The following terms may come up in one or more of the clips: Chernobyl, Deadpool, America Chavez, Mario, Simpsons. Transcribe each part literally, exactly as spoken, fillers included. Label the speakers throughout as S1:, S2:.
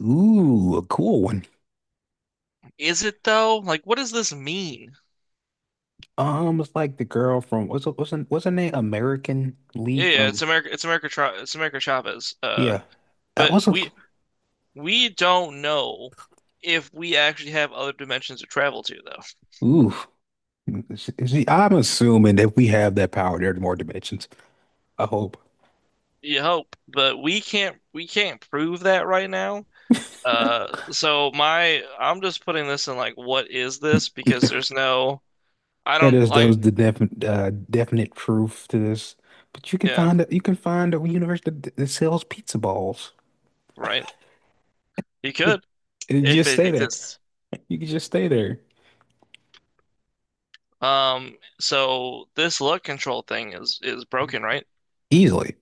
S1: Ooh, a cool one.
S2: Is it though? Like, what does this mean?
S1: Um, it's like the girl from what's her- what's her, what's her name? American Lee
S2: Yeah, yeah,
S1: from
S2: it's America. It's America. Tra- It's America Chavez. Uh,
S1: yeah. That
S2: but
S1: was a
S2: we we don't know if we actually have other dimensions to travel to, though.
S1: ooh. Is- is she- I'm assuming that we have that power. There are more dimensions. I hope
S2: You hope, but we can't. We can't prove that right now. Uh, so my I'm just putting this in like, what is this? Because there's no. I
S1: that
S2: don't
S1: is that was
S2: like.
S1: the definite uh, definite proof to this. But you can
S2: Yeah,
S1: find a, you can find a universe that, that sells pizza balls.
S2: right. You could
S1: And you
S2: if
S1: just
S2: it
S1: stay there.
S2: exists.
S1: You can just stay there
S2: Um, so this luck control thing is is broken, right?
S1: easily.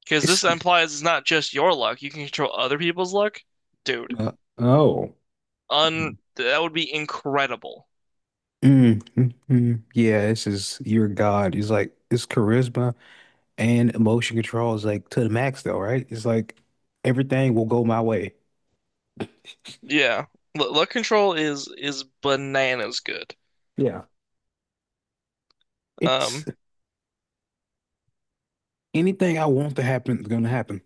S2: Because
S1: It's
S2: this implies it's not just your luck. You can control other people's luck. Dude,
S1: uh, oh.
S2: un that would be incredible.
S1: Mm, mm, mm. Yeah, this is your God. It's like it's charisma and emotion control is like to the max though, right? It's like everything will go my way.
S2: Yeah. L Luck control is is bananas good.
S1: Yeah. It's
S2: Um,
S1: anything I want to happen is gonna happen.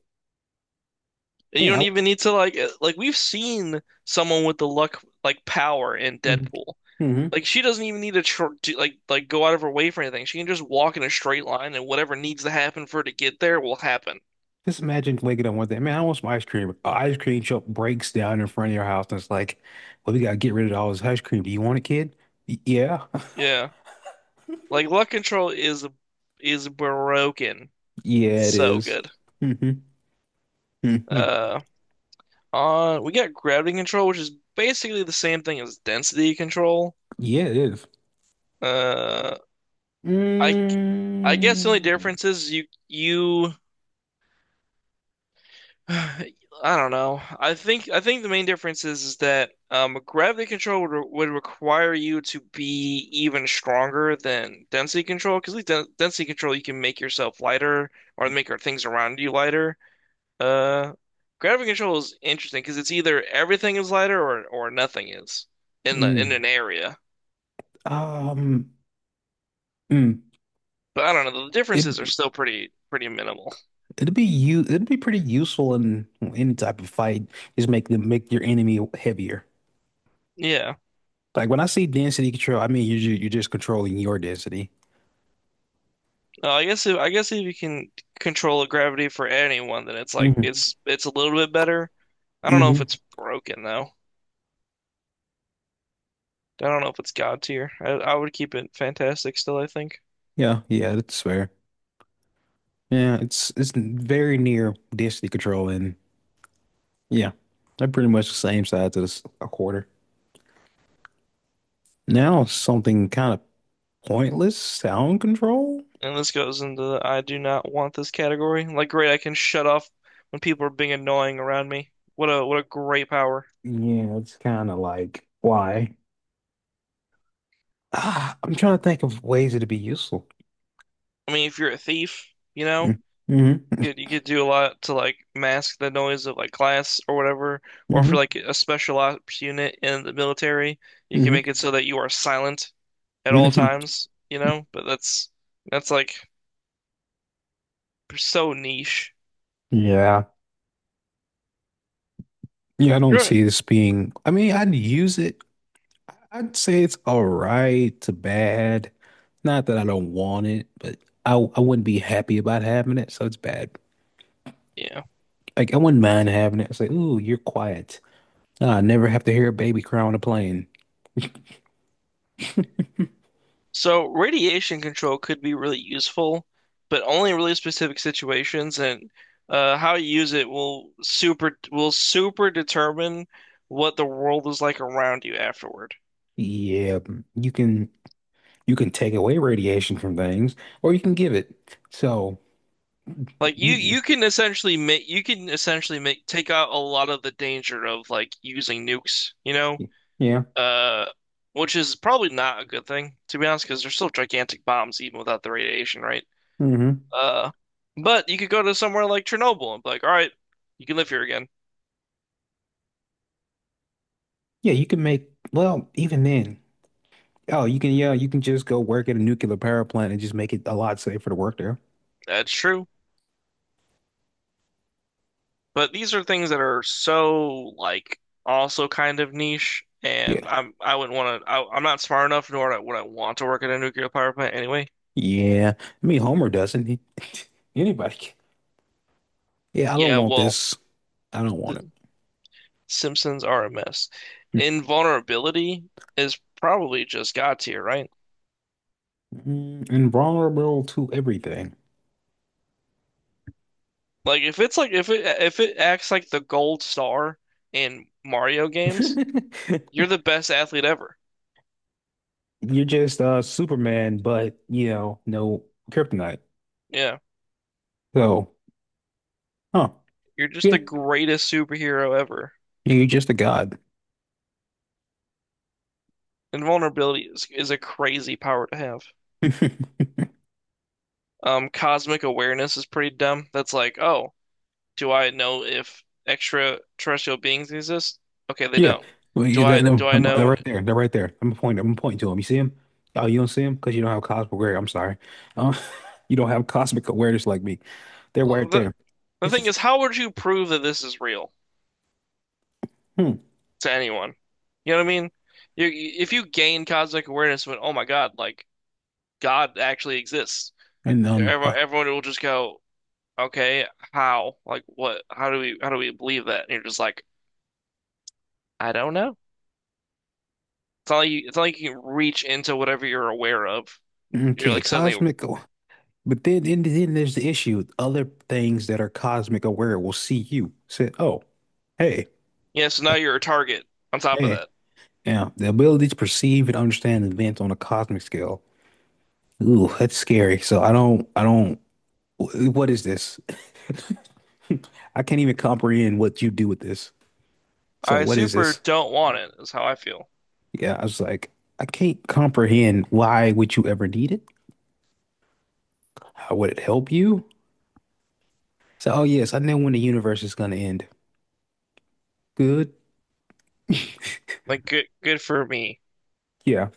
S2: and you
S1: Man,
S2: don't
S1: I
S2: even need to like uh, like we've seen someone with the luck like power in Deadpool.
S1: mm-hmm.
S2: Like she doesn't even need to tr to, like like go out of her way for anything. She can just walk in a straight line and whatever needs to happen for her to get there will happen.
S1: Just imagine waking up one day. Man, I want some ice cream. An ice cream shop breaks down in front of your house and it's like, well, we gotta get rid of all this ice cream. Do you want it, kid? Y- yeah.
S2: Yeah. Like luck control is is broken.
S1: Yeah, it
S2: So
S1: is.
S2: good.
S1: Mm-hmm. Mm-hmm.
S2: Uh Uh, we got gravity control, which is basically the same thing as density control.
S1: Yeah, it is.
S2: Uh, I I guess the only
S1: Mm,
S2: difference is you you I don't know. I think I think the main difference is, is that um gravity control would, re- would require you to be even stronger than density control because with den- density control you can make yourself lighter or make your things around you lighter. Uh, gravity control is interesting because it's either everything is lighter or or nothing is in the in
S1: mm,
S2: an area.
S1: um, mm.
S2: But I don't know, the
S1: It
S2: differences are still pretty pretty minimal.
S1: it'd be you it'd be pretty useful in any type of fight. Just make them make your enemy heavier.
S2: Yeah.
S1: Like when I say density control, I mean you're you're just controlling your density.
S2: Uh, I guess if I guess if you can control the gravity for anyone, then it's like
S1: Hmm
S2: it's it's a little bit better. I don't know if
S1: hmm
S2: it's broken though. I don't know if it's God tier. I, I would keep it fantastic still, I think.
S1: Yeah, yeah, that's fair. Yeah, it's it's very near density control, and yeah, they're pretty much the same size as a quarter. Now something kind of pointless, sound control.
S2: And this goes into the "I do not want this" category. Like great, I can shut off when people are being annoying around me. What a what a great power.
S1: Yeah, it's kind of like why. Ah, I'm trying to think of ways it'd be useful.
S2: I mean, if you're a thief, you know,
S1: Mm-hmm.
S2: it, you could do a lot to like mask the noise of like class or whatever. Or if you're
S1: Mm-hmm.
S2: like a special ops unit in the military, you can make it so that you are silent at all
S1: Mm-hmm.
S2: times, you know? But that's that's like so niche.
S1: Yeah. Yeah, I don't
S2: Sure.
S1: see this being. I mean, I'd use it. I'd say it's all right to bad. Not that I don't want it, but I I wouldn't be happy about having it, so it's bad.
S2: Yeah.
S1: Like I wouldn't mind having it. It's like, ooh, you're quiet. Ah, I never have to hear a baby cry on a plane.
S2: So radiation control could be really useful, but only in really specific situations, and uh, how you use it will super will super determine what the world is like around you afterward.
S1: Yeah, you can you can take away radiation from things, or you can give it. So
S2: Like you
S1: you,
S2: you can essentially make you can essentially make take out a lot of the danger of like using nukes, you know?
S1: yeah.
S2: Uh, which is probably not a good thing to be honest because they're still gigantic bombs even without the radiation, right?
S1: hmm
S2: Uh, but you could go to somewhere like Chernobyl and be like, "All right, you can live here again."
S1: Yeah, you can make, well, even then. Oh, you can, yeah, you can just go work at a nuclear power plant and just make it a lot safer to work there.
S2: That's true. But these are things that are so like also kind of niche,
S1: Yeah.
S2: and I'm I wouldn't want to I, I'm not smart enough nor would I want to work at a nuclear power plant anyway.
S1: Yeah. I mean, Homer doesn't. He, anybody can. Yeah, I don't
S2: Yeah,
S1: want
S2: well,
S1: this. I don't want it.
S2: Simpsons are a mess. Invulnerability is probably just God tier, right?
S1: Mm, invulnerable to everything.
S2: Like if it's like if it if it acts like the gold star in Mario games, you're the best athlete ever.
S1: You're just uh Superman, but you know, no kryptonite.
S2: Yeah.
S1: So, huh.
S2: You're just
S1: Yeah.
S2: the greatest superhero ever.
S1: You're just a god.
S2: Invulnerability is, is a crazy power to have. Um, cosmic awareness is pretty dumb. That's like, oh, do I know if extraterrestrial beings exist? Okay, they
S1: Yeah,
S2: don't.
S1: well,
S2: Do
S1: you let
S2: I
S1: them.
S2: do I
S1: I'm, they're
S2: know
S1: right there. They're right there. I'm pointing. I'm pointing to them. You see them? Oh, you don't see them because you don't have cosmic awareness. I'm sorry. Um, you don't have cosmic awareness like me. They're
S2: Well,
S1: right there.
S2: the the
S1: It's
S2: thing
S1: just
S2: is, how would you prove that this is real
S1: hmm.
S2: to anyone? You know what I mean? You If you gain cosmic awareness, when oh my God, like God actually exists,
S1: And um,
S2: everyone,
S1: uh,
S2: everyone will just go, okay, how? Like what? How do we how do we believe that? And you're just like, I don't know. It's not like you, it's not like you can reach into whatever you're aware of. You're
S1: okay,
S2: like suddenly,
S1: cosmic. aw- But then, and then there's the issue. Other things that are cosmic aware will see you. Say, oh, hey,
S2: yeah. So now you're a target. On top of
S1: hey.
S2: that,
S1: Now, the ability to perceive and understand events on a cosmic scale. Ooh, that's scary. So I don't. I don't. wh- What is this? I can't even comprehend what you do with this. So
S2: I
S1: what is
S2: super
S1: this?
S2: don't want it. Is how I feel.
S1: Yeah, I was like, I can't comprehend why would you ever need it? How would it help you? So, oh yes, I know when the universe is gonna end. Good.
S2: Like good good for me.
S1: Yeah.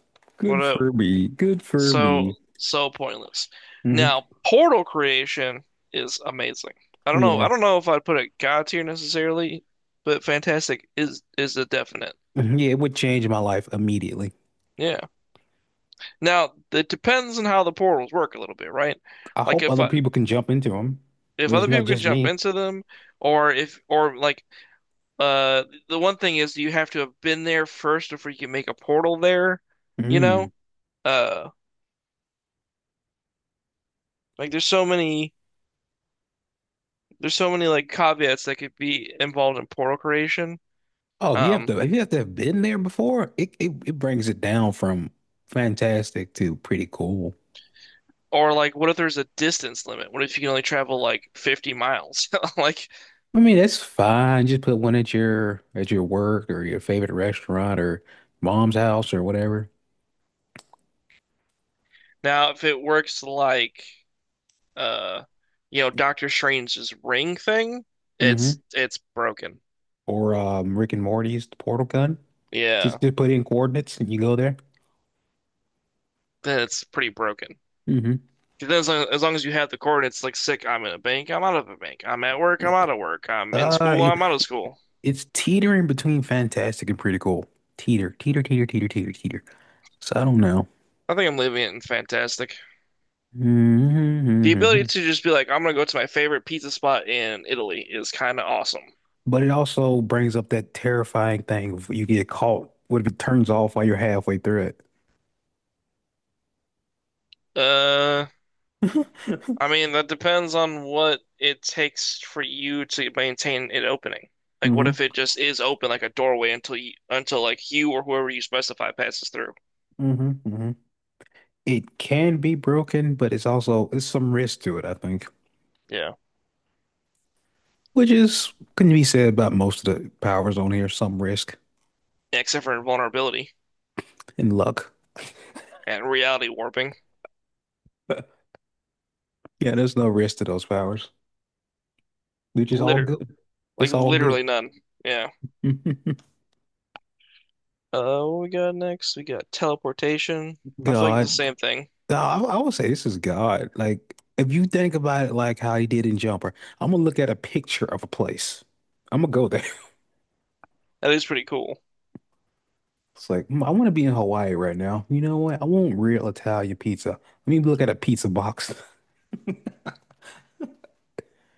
S2: What
S1: Good
S2: a
S1: for me. Good for me.
S2: So, so pointless.
S1: Hmm
S2: Now, portal creation is amazing. I don't know. I
S1: Yeah.
S2: don't know if I'd put it God tier necessarily, but fantastic is is a definite.
S1: Mhm. Yeah, it would change my life immediately.
S2: Yeah. Now, it depends on how the portals work a little bit, right?
S1: I
S2: Like
S1: hope
S2: if
S1: other
S2: I,
S1: people can jump into them.
S2: if
S1: It's
S2: other
S1: not
S2: people can
S1: just
S2: jump
S1: me.
S2: into them, or if or like uh the one thing is you have to have been there first before you can make a portal there, you
S1: Mm.
S2: know? Uh, like there's so many there's so many like caveats that could be involved in portal creation.
S1: Oh, you have to
S2: Um,
S1: you have to have been there before. It, it it brings it down from fantastic to pretty cool.
S2: or like, what if there's a distance limit? What if you can only travel like fifty miles? Like
S1: I mean, that's fine. Just put one at your at your work or your favorite restaurant or mom's house or whatever.
S2: now, if it works like uh, you know, Doctor Strange's ring thing, it's
S1: Hmm
S2: it's broken.
S1: Or um, Rick and Morty's the Portal Gun.
S2: Yeah,
S1: Just just put in coordinates and you go there.
S2: then it's pretty broken.
S1: Hmm
S2: 'Cause then as long, as long as you have the coordinates, like sick, I'm in a bank, I'm out of a bank. I'm at work, I'm out of work. I'm in
S1: Uh,
S2: school,
S1: it-
S2: I'm out of school.
S1: it's teetering between fantastic and pretty cool. Teeter, teeter, teeter, teeter, teeter, teeter. So I don't know.
S2: I think I'm leaving it in fantastic. The ability
S1: Hmm
S2: to just be like, I'm gonna go to my favorite pizza spot in Italy is kind of awesome.
S1: But it also brings up that terrifying thing if you get caught. What if it turns off while you're halfway through it?
S2: Uh, I mean, that depends on what it takes for you to maintain it opening. Like, what
S1: hmm
S2: if it just is open like a doorway until you, until like you or whoever you specify passes through?
S1: hmm hmm It can be broken, but it's also it's some risk to it, I think,
S2: Yeah.
S1: which is can be said about most of the powers on here, some risk
S2: Except for invulnerability
S1: and luck.
S2: and reality warping.
S1: Yeah, there's no risk to those powers. They're just all
S2: Literally,
S1: good.
S2: like
S1: It's all good.
S2: literally none. Yeah.
S1: God,
S2: Uh, what we got next? We got teleportation. I feel like it's the same thing.
S1: no, I, I would say this is God. Like, if you think about it, like how he did in Jumper, I'm gonna look at a picture of a place. I'm gonna go there.
S2: That is pretty cool.
S1: It's like mm, I want to be in Hawaii right now. You know what? I want real Italian pizza. Let me look at a pizza box.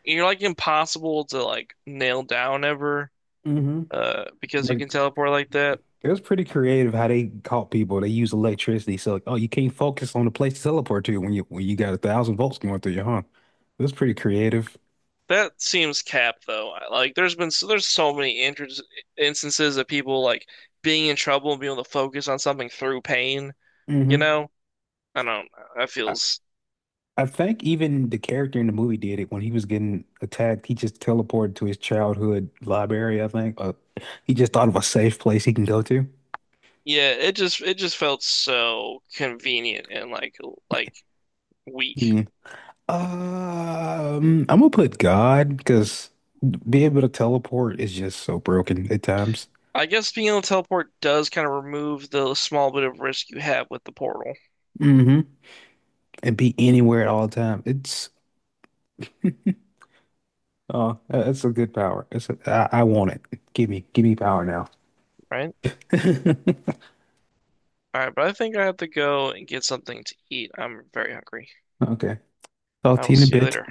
S2: You're like impossible to like nail down ever,
S1: hmm
S2: uh, because you can
S1: Like,
S2: teleport like that.
S1: it was pretty creative how they caught people. They use electricity. So like, oh, you can't focus on the place to teleport to when you when you got a thousand volts going through you, huh? It was pretty creative.
S2: That seems cap though. I- Like there's been so, there's so many inter- instances of people like being in trouble and being able to focus on something through pain, you
S1: Hmm
S2: know? I don't that
S1: I,
S2: feels
S1: I think even the character in the movie did it when he was getting attacked. He just teleported to his childhood library, I think. Uh, he just thought of a safe place he can go to.
S2: yeah, it just it just felt so convenient and like like weak.
S1: Yeah. Um, I'm gonna put God because being able to teleport is just so broken at times
S2: I guess being able to teleport does kind of remove the small bit of risk you have with the portal,
S1: hmm and be anywhere at all time. It's Oh, that- that's a good power. It's a, I, I want it. Give me, give me power now.
S2: right? All right, but I think I have to go and get something to eat. I'm very hungry.
S1: Okay. Talk
S2: I
S1: to
S2: will
S1: you in a
S2: see you
S1: bit.
S2: later.